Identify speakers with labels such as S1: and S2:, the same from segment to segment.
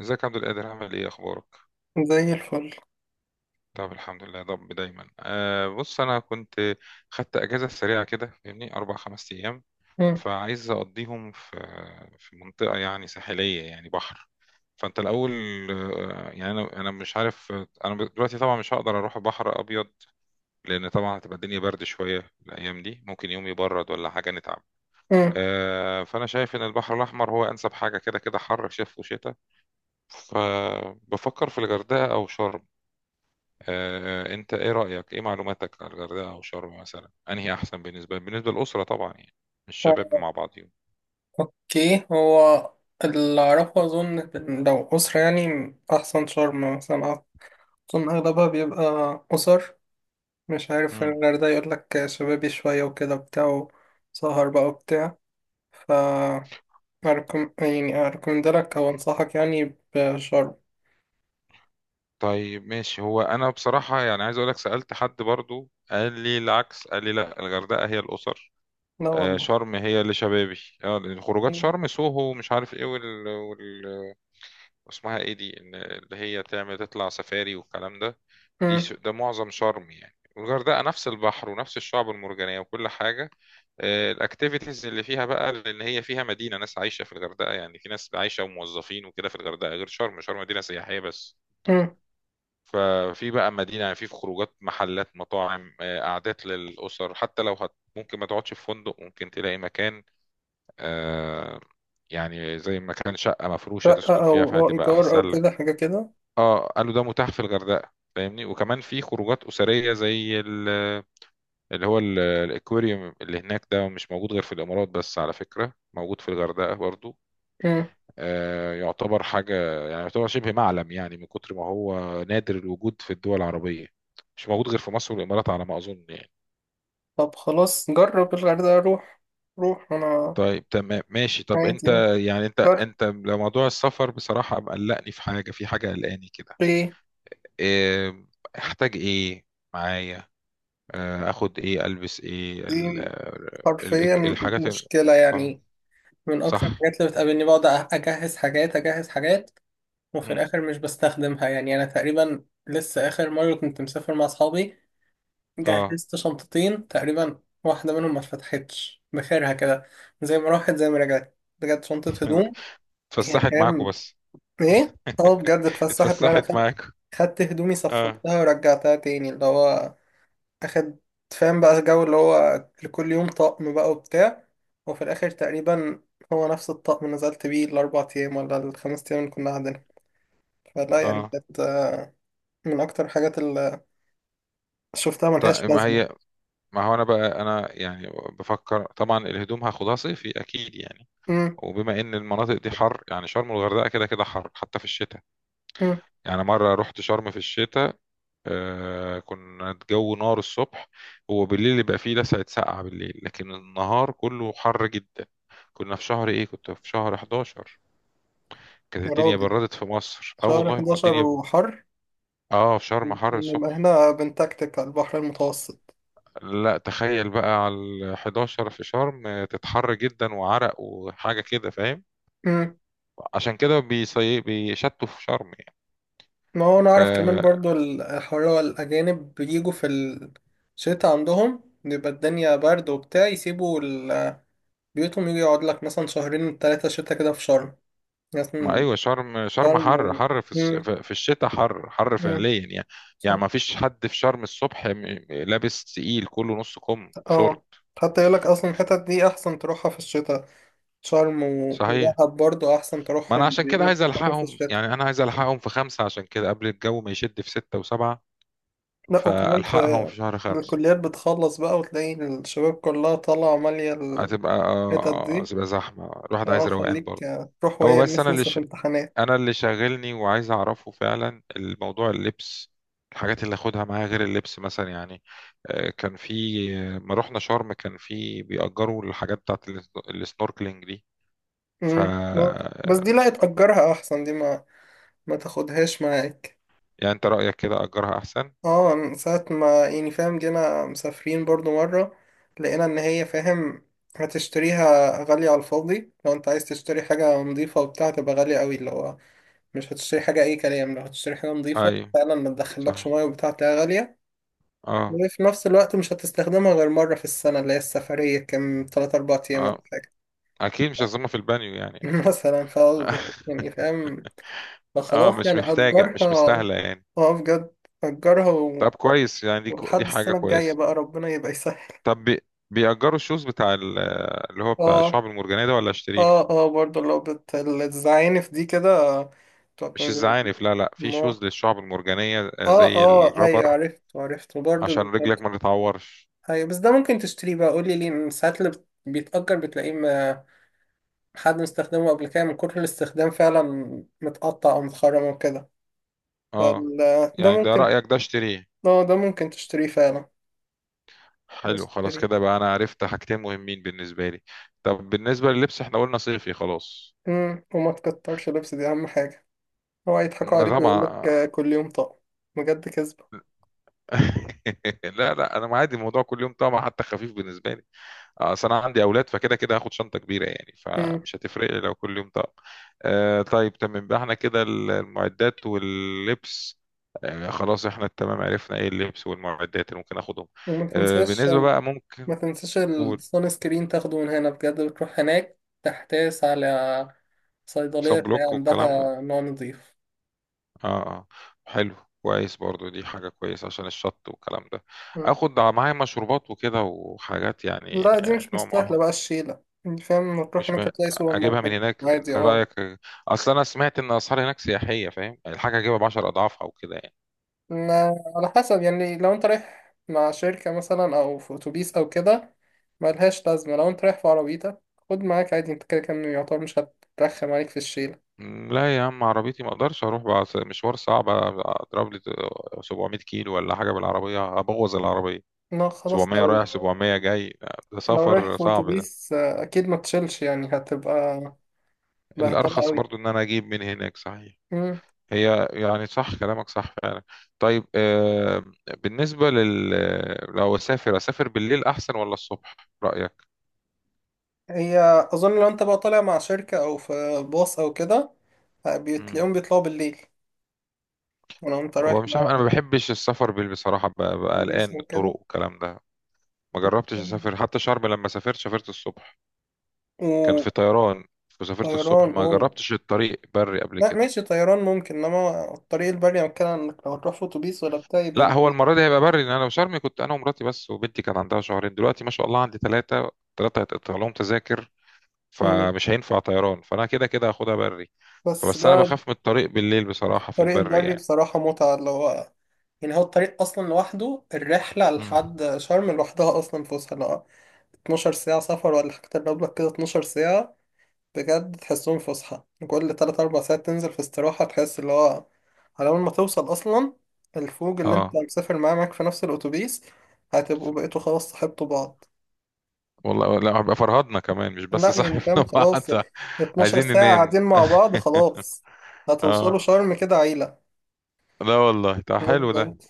S1: ازيك يا عبد القادر؟ عامل ايه؟ اخبارك؟
S2: زي الفل.
S1: طب الحمد لله يا رب دايما. بص انا كنت خدت اجازه سريعه كده، فاهمني، اربع خمس ايام،
S2: مم.
S1: فعايز اقضيهم في منطقه يعني ساحليه، يعني بحر. فانت الاول يعني انا مش عارف. انا دلوقتي طبعا مش هقدر اروح بحر ابيض، لان طبعا هتبقى الدنيا برد شويه، الايام دي ممكن يوم يبرد ولا حاجه نتعب.
S2: مم.
S1: فانا شايف ان البحر الاحمر هو انسب حاجه، كده كده حر شتاء وشتاء. فبفكر في الغردقه او شرم. انت ايه رأيك؟ ايه معلوماتك على الغردقة او شرم مثلا؟ انهي احسن بالنسبة للأسرة طبعا؟ يعني الشباب مع بعضهم.
S2: اوكي، هو اللي اعرفه اظن إن لو اسرة يعني احسن شرم مثلا. اظن اغلبها بيبقى اسر. مش عارف، في
S1: امم.
S2: الغردقة يقول لك شبابي شوية وكده بتاع، سهر بقى وبتاع. ف يعني أركمندلك أو أنصحك يعني بشرم.
S1: طيب ماشي. هو انا بصراحة يعني عايز اقول لك، سألت حد برضو قال لي العكس، قال لي لا الغردقة هي الأسر،
S2: لا والله.
S1: شرم هي اللي شبابي. لأن خروجات
S2: مم.
S1: شرم سوهو، مش عارف ايه، اسمها ايه دي، ان اللي هي تعمل تطلع سفاري والكلام ده، دي ده معظم شرم يعني. والغردقه نفس البحر ونفس الشعب المرجانيه وكل حاجه، الاكتيفيتيز اللي فيها بقى، لان هي فيها مدينه، ناس عايشه في الغردقه، يعني في ناس عايشه وموظفين وكده في الغردقه، غير شرم. شرم مدينه سياحيه بس،
S2: مم.
S1: ففي بقى مدينه يعني في خروجات، محلات، مطاعم، قعدات للاسر، حتى لو هت ممكن ما تقعدش في فندق ممكن تلاقي مكان، آه، يعني زي مكان شقه مفروشه تسكن
S2: شقة
S1: فيها،
S2: أو
S1: فهتبقى
S2: إيجار أو
S1: احسن لك.
S2: كده حاجة كده.
S1: اه قالوا ده متاح في الغردقه، فاهمني. وكمان في خروجات اسريه زي اللي هو الاكواريوم اللي هناك ده، مش موجود غير في الامارات بس، على فكره موجود في الغردقه برضو.
S2: مم.
S1: آه يعتبر حاجه، يعني يعتبر شبه معلم، يعني من كتر ما هو نادر الوجود في الدول العربيه، مش موجود غير في مصر والامارات على ما اظن يعني.
S2: طب خلاص، جرب الغردقة، روح روح أنا
S1: طيب تمام ماشي. طب
S2: عادي
S1: انت
S2: يعني.
S1: يعني انت
S2: جرب.
S1: انت لو موضوع السفر، بصراحه مقلقني في حاجه، في حاجه قلقاني كده،
S2: دي
S1: إيه؟ احتاج ايه معايا؟ اخد ايه؟ البس ايه
S2: دي حرفيا
S1: الحاجات
S2: مشكلة
S1: اه؟
S2: يعني. من
S1: صح.
S2: أكتر الحاجات اللي بتقابلني، بقعد أجهز حاجات أجهز حاجات وفي
S1: مم.
S2: الآخر مش بستخدمها. يعني أنا تقريبا لسه آخر مرة كنت مسافر مع أصحابي،
S1: اه.
S2: جهزت شنطتين تقريبا، واحدة منهم ما اتفتحتش بخيرها كده، زي ما راحت زي ما رجعت بجد، شنطة هدوم. يعني
S1: اتفسحت معاكوا
S2: فاهم.
S1: بس.
S2: إيه؟ أه بجد اتفسحت معانا.
S1: اتفسحت
S2: خدت
S1: معاكوا.
S2: خدت هدومي،
S1: اه
S2: صفرتها ورجعتها تاني، اللي هو اخد. فاهم بقى الجو اللي هو لكل يوم طقم بقى وبتاع، وفي الاخر تقريبا هو نفس الطقم اللي نزلت بيه الاربع ايام ولا الخمس ايام اللي كنا قاعدين. فلا يعني
S1: اه.
S2: كانت من اكتر الحاجات اللي شفتها ملهاش
S1: طيب، ما
S2: لازمه.
S1: هي، ما هو انا بقى انا يعني بفكر طبعا الهدوم هاخدها صيفي اكيد يعني.
S2: أمم.
S1: وبما ان المناطق دي حر، يعني شرم والغردقه كده كده حر حتى في الشتاء.
S2: أمم.
S1: يعني مره رحت شرم في الشتاء، آه كنا الجو نار الصبح. هو بالليل يبقى فيه لسعة سقعة بالليل، لكن النهار كله حر جدا. كنا في شهر ايه؟ كنت في شهر 11، كانت
S2: يا
S1: الدنيا
S2: راجل،
S1: بردت في مصر، اه
S2: شهر
S1: والله ما
S2: 11
S1: الدنيا.
S2: وحر؟
S1: اه، في شرم حر
S2: نبقى
S1: الصبح.
S2: هنا بنتكتك على البحر المتوسط.
S1: لا تخيل بقى على ال 11 في شرم تتحر جدا وعرق وحاجة كده، فاهم؟
S2: أمم.
S1: عشان كده بيشتوا في شرم يعني.
S2: ما هو انا اعرف كمان
S1: آه،
S2: برضو، الحوار هو الاجانب بيجوا في الشتاء عندهم بيبقى الدنيا برد وبتاع، يسيبوا ال بيوتهم يجي يقعد لك مثلا شهرين تلاتة شتا كده في شرم
S1: ما
S2: مثلا.
S1: ايوه شرم، شرم
S2: شرم
S1: حر
S2: و...
S1: حر في
S2: مم.
S1: في الشتاء حر حر
S2: مم.
S1: فعليا يعني. يعني
S2: صح.
S1: ما فيش حد في شرم الصبح لابس تقيل، كله نص كم
S2: اه،
S1: وشورت.
S2: حتى يقول لك اصلا الحتت دي احسن تروحها في الشتاء. شرم و...
S1: صحيح.
S2: ودهب برضو احسن
S1: ما انا
S2: تروحهم،
S1: عشان كده
S2: بيقول لك
S1: عايز
S2: تروحهم في
S1: الحقهم
S2: الشتاء.
S1: يعني، انا عايز الحقهم في خمسة، عشان كده قبل الجو ما يشد في ستة وسبعة،
S2: لا وكمان
S1: فالحقهم
S2: في
S1: في شهر خمسة.
S2: الكليات بتخلص بقى وتلاقي الشباب كلها طالعة مالية
S1: هتبقى
S2: الحتت دي.
S1: هتبقى زحمة، الواحد
S2: اه،
S1: عايز روقان
S2: خليك
S1: برضه.
S2: تروح
S1: هو
S2: وهي
S1: بس انا
S2: الناس
S1: اللي،
S2: لسه في امتحانات.
S1: انا اللي شاغلني وعايز اعرفه فعلا، الموضوع اللبس، الحاجات اللي اخدها معايا غير اللبس مثلا يعني. كان في، ما رحنا شرم كان في بيأجروا الحاجات بتاعت السنوركلينج دي، ف
S2: مم. لا، بس دي لا تأجرها احسن، دي ما تاخدهاش معاك.
S1: يعني انت رأيك كده أجرها احسن.
S2: اه، من ساعة ما يعني فاهم جينا مسافرين برضو مرة، لقينا ان هي فاهم هتشتريها غالية على الفاضي. لو انت عايز تشتري حاجة نظيفة وبتاع تبقى غالية قوي، اللي هو مش هتشتري حاجة اي كلام. لو هتشتري حاجة نظيفة
S1: اي،
S2: فعلا ما تدخلكش
S1: صح،
S2: مية وبتاع تلاقيها غالية.
S1: اه
S2: وفي نفس الوقت مش هتستخدمها غير مرة في السنة، اللي هي السفرية كام تلات أربع أيام ولا
S1: اه.
S2: حاجة.
S1: اكيد مش هظلمها في البانيو يعني اكيد.
S2: مثلا ف يعني فاهم.
S1: اه
S2: فخلاص
S1: مش
S2: يعني
S1: محتاجة، مش
S2: أجرها.
S1: مستاهلة يعني.
S2: اه بجد أجرها و...
S1: طب كويس، يعني دي
S2: ولحد
S1: دي حاجة
S2: السنة الجاية
S1: كويسة.
S2: بقى ربنا يبقى يسهل.
S1: طب بيأجروا الشوز بتاع اللي هو بتاع
S2: اه
S1: الشعب المرجانية ده ولا اشتريه؟
S2: اه اه برضه لو بتزعيني في دي كده
S1: مش
S2: تقولي
S1: الزعانف، لا لا، في
S2: ما.
S1: شوز للشعب المرجانية
S2: اه
S1: زي
S2: اه
S1: الرابر،
S2: ايوه عرفت عرفت، وبرضه
S1: عشان رجلك
S2: بيتأجر.
S1: ما تتعورش.
S2: ايوه، بس ده ممكن تشتريه بقى، قولي ليه، إن ساعات اللي بيتأجر بتلاقيه ما حد مستخدمه قبل كده، من كتر الاستخدام فعلا متقطع او متخرم وكده. فال
S1: اه،
S2: ده
S1: يعني ده
S2: ممكن.
S1: رأيك ده؟ اشتريه؟
S2: اه ده ممكن تشتريه فعلا.
S1: حلو خلاص،
S2: تشتريه.
S1: كده بقى انا عرفت حاجتين مهمين بالنسبة لي. طب بالنسبة لللبس احنا قلنا صيفي خلاص.
S2: امم، وما تكترش لبس، دي اهم حاجة. هو هيضحكوا
S1: ما
S2: عليك ويقول
S1: طبعا.
S2: لك كل يوم طقم، بجد كذبة.
S1: لا لا، انا عادي الموضوع كل يوم طبعا، حتى خفيف بالنسبة لي. اصل انا عندي اولاد، فكده كده هاخد شنطه كبيره يعني،
S2: امم.
S1: فمش هتفرق لي لو كل يوم طقم. آه، طيب تمام بقى احنا كده المعدات واللبس، آه خلاص احنا تمام. عرفنا ايه اللبس والمعدات اللي ممكن اخدهم.
S2: وما تنساش،
S1: بالنسبه بقى ممكن
S2: ما تنساش
S1: نقول
S2: الصون سكرين تاخده من هنا، بجد بتروح هناك تحتاس على صيدلية
S1: صن
S2: تلاقي
S1: بلوك
S2: عندها
S1: والكلام ده.
S2: نوع نظيف.
S1: اه اه، حلو، كويس. برضو دي حاجه كويسه عشان الشط والكلام ده.
S2: مم.
S1: اخد معايا مشروبات وكده وحاجات، يعني
S2: لا دي مش
S1: نوع معين؟
S2: مستاهلة بقى الشيلة، انت فاهم تروح
S1: مش
S2: هناك
S1: م...
S2: تلاقي سوبر
S1: اجيبها من
S2: ماركت
S1: هناك
S2: عادي.
S1: انت
S2: اه،
S1: رايك؟ اصل انا سمعت ان اسعار هناك سياحيه، فاهم يعني، الحاجه اجيبها ب 10 اضعافها وكده يعني.
S2: على حسب يعني، لو انت رايح مع شركة مثلا او في اتوبيس او كده ملهاش لازمة. لو انت رايح في عربيتك خد معاك عادي، انت كده كده يعتبر مش هترخم عليك في الشيلة.
S1: لا يا عم، عربيتي ما اقدرش اروح بقى، مشوار صعب، اضرب لي 700 كيلو ولا حاجه بالعربيه، ابوظ العربيه.
S2: لا خلاص،
S1: 700
S2: لو
S1: رايح 700 جاي، ده
S2: لو رايح
S1: سفر
S2: في
S1: صعب ده.
S2: اتوبيس اكيد ما تشيلش يعني هتبقى بهدلة
S1: الارخص
S2: أوي.
S1: برضو ان انا اجيب من هناك صحيح.
S2: مم.
S1: هي يعني صح كلامك، صح فعلا. طيب آه، بالنسبه لو اسافر، اسافر بالليل احسن ولا الصبح؟ رايك؟
S2: هي أظن لو أنت بقى طالع مع شركة أو في باص أو كده
S1: مم.
S2: بتلاقيهم بيطلعوا بالليل. ولو أنت رايح
S1: هو مش عارف، انا
S2: مع
S1: ما بحبش السفر بصراحه ببقى قلقان
S2: أتوبيس
S1: من
S2: أو كده
S1: الطرق والكلام ده. ما جربتش اسافر حتى شرم، لما سافرت سافرت الصبح، كان في طيران، وسافرت الصبح،
S2: وطيران.
S1: ما
S2: أوه
S1: جربتش الطريق بري قبل
S2: لا،
S1: كده.
S2: ماشي طيران ممكن، إنما الطريق البري أنا بتكلم، إنك لو هتروح في أتوبيس ولا بتاع يبقى
S1: لا هو
S2: بالليل.
S1: المره دي هيبقى بري، لان انا وشرم كنت انا ومراتي بس، وبنتي كان عندها شهرين، دلوقتي ما شاء الله عندي ثلاثه، ثلاثه هيتقطع لهم تذاكر،
S2: مم.
S1: فمش هينفع طيران، فانا كده كده هاخدها بري.
S2: بس
S1: فبس انا
S2: ده
S1: بخاف من الطريق بالليل بصراحه في
S2: الطريق
S1: البري
S2: البري
S1: يعني.
S2: بصراحة متعة، اللي هو يعني، هو الطريق أصلا لوحده، الرحلة
S1: مم.
S2: لحد شرم لوحدها أصلا فسحة، اللي هو 12 ساعة سفر ولا حاجة تقرب لك كده، 12 ساعة بجد تحسهم فسحة. كل تلات أربع ساعات تنزل في استراحة، تحس اللي هو على أول ما توصل أصلا، الفوج اللي أنت
S1: اه،
S2: مسافر معاه معاك في نفس الأتوبيس هتبقوا بقيتوا خلاص صاحبتوا بعض.
S1: والله لا هبقى فرهدنا كمان مش بس
S2: لا يعني فاهم
S1: صاحبنا.
S2: خلاص،
S1: وقعدنا
S2: 12
S1: عايزين
S2: ساعة
S1: ننام.
S2: قاعدين مع بعض خلاص.
S1: اه.
S2: هتوصلوا شرم كده عيلة.
S1: لا والله ده حلو ده.
S2: بالظبط.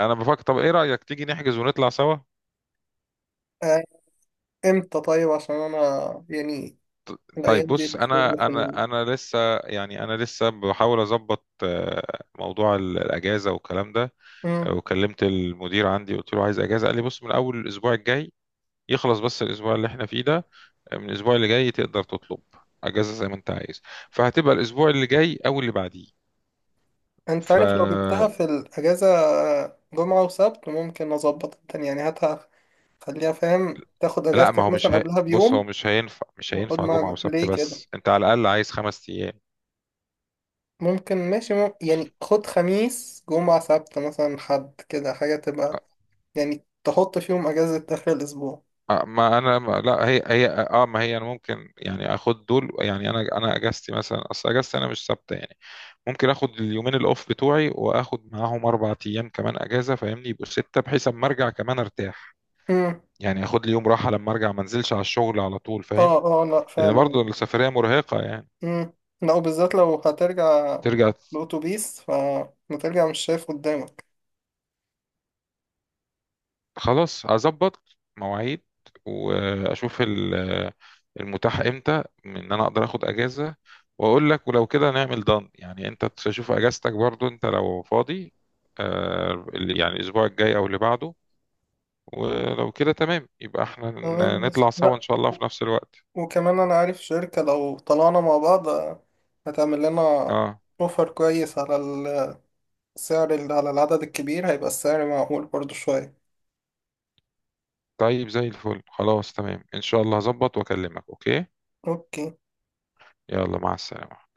S1: انا بفكر، طب ايه رأيك تيجي نحجز ونطلع سوا؟
S2: آه، إمتى طيب؟ عشان أنا يعني
S1: طيب
S2: الأيام دي
S1: بص
S2: الشغل
S1: انا،
S2: في ال...
S1: انا لسه يعني، انا لسه بحاول اظبط موضوع الاجازه والكلام ده.
S2: مم.
S1: وكلمت المدير عندي، قلت له عايز اجازه، قال لي بص من اول الاسبوع الجاي، يخلص بس الاسبوع اللي احنا فيه ده، من الاسبوع اللي جاي تقدر تطلب اجازه زي ما انت عايز، فهتبقى الاسبوع اللي جاي او اللي بعديه.
S2: أنت
S1: ف
S2: عارف لو جبتها في الأجازة جمعة وسبت ممكن أظبط الدنيا، يعني هاتها. خليها فاهم تاخد
S1: لا ما
S2: اجازتك
S1: هو مش
S2: مثلا
S1: هي...
S2: قبلها
S1: بص هو
S2: بيوم،
S1: مش هينفع،
S2: وخد
S1: جمعة
S2: ما
S1: وسبت
S2: ليه كده
S1: بس، انت على الأقل عايز خمس أيام.
S2: ممكن ماشي يعني خد خميس جمعة سبت مثلا حد كده حاجة تبقى، يعني تحط فيهم اجازة اخر الاسبوع.
S1: ما انا ما لا هي هي اه ما هي انا ممكن يعني اخد دول يعني، انا اجازتي مثلا، اصل اجازتي انا مش ثابته يعني، ممكن اخد اليومين الاوف بتوعي واخد معاهم اربع ايام كمان اجازه، فاهمني؟ يبقوا سته، بحيث اما ارجع كمان ارتاح.
S2: امم.
S1: يعني اخد لي يوم راحه لما ارجع، ما انزلش على الشغل على طول، فاهم؟
S2: اه اه لا
S1: لان
S2: فعلا.
S1: برضو السفريه مرهقه يعني.
S2: امم. لا وبالذات لو هترجع
S1: ترجع.
S2: بأتوبيس فهترجع مش شايف قدامك.
S1: خلاص هظبط مواعيد واشوف المتاح امتى، ان انا اقدر اخد اجازه، واقول لك. ولو كده نعمل دان يعني انت تشوف اجازتك برضو انت لو فاضي، يعني الاسبوع الجاي او اللي بعده، ولو كده تمام يبقى احنا
S2: تمام
S1: نطلع
S2: ماشي.
S1: سوا ان
S2: لا
S1: شاء الله في نفس الوقت.
S2: وكمان انا عارف شركة لو طلعنا مع بعض هتعمل لنا
S1: اه
S2: اوفر كويس على على العدد الكبير هيبقى السعر معقول برضو شوية.
S1: طيب زي الفل، خلاص تمام، ان شاء الله هظبط واكلمك. اوكي،
S2: اوكي.
S1: يلا مع السلامه.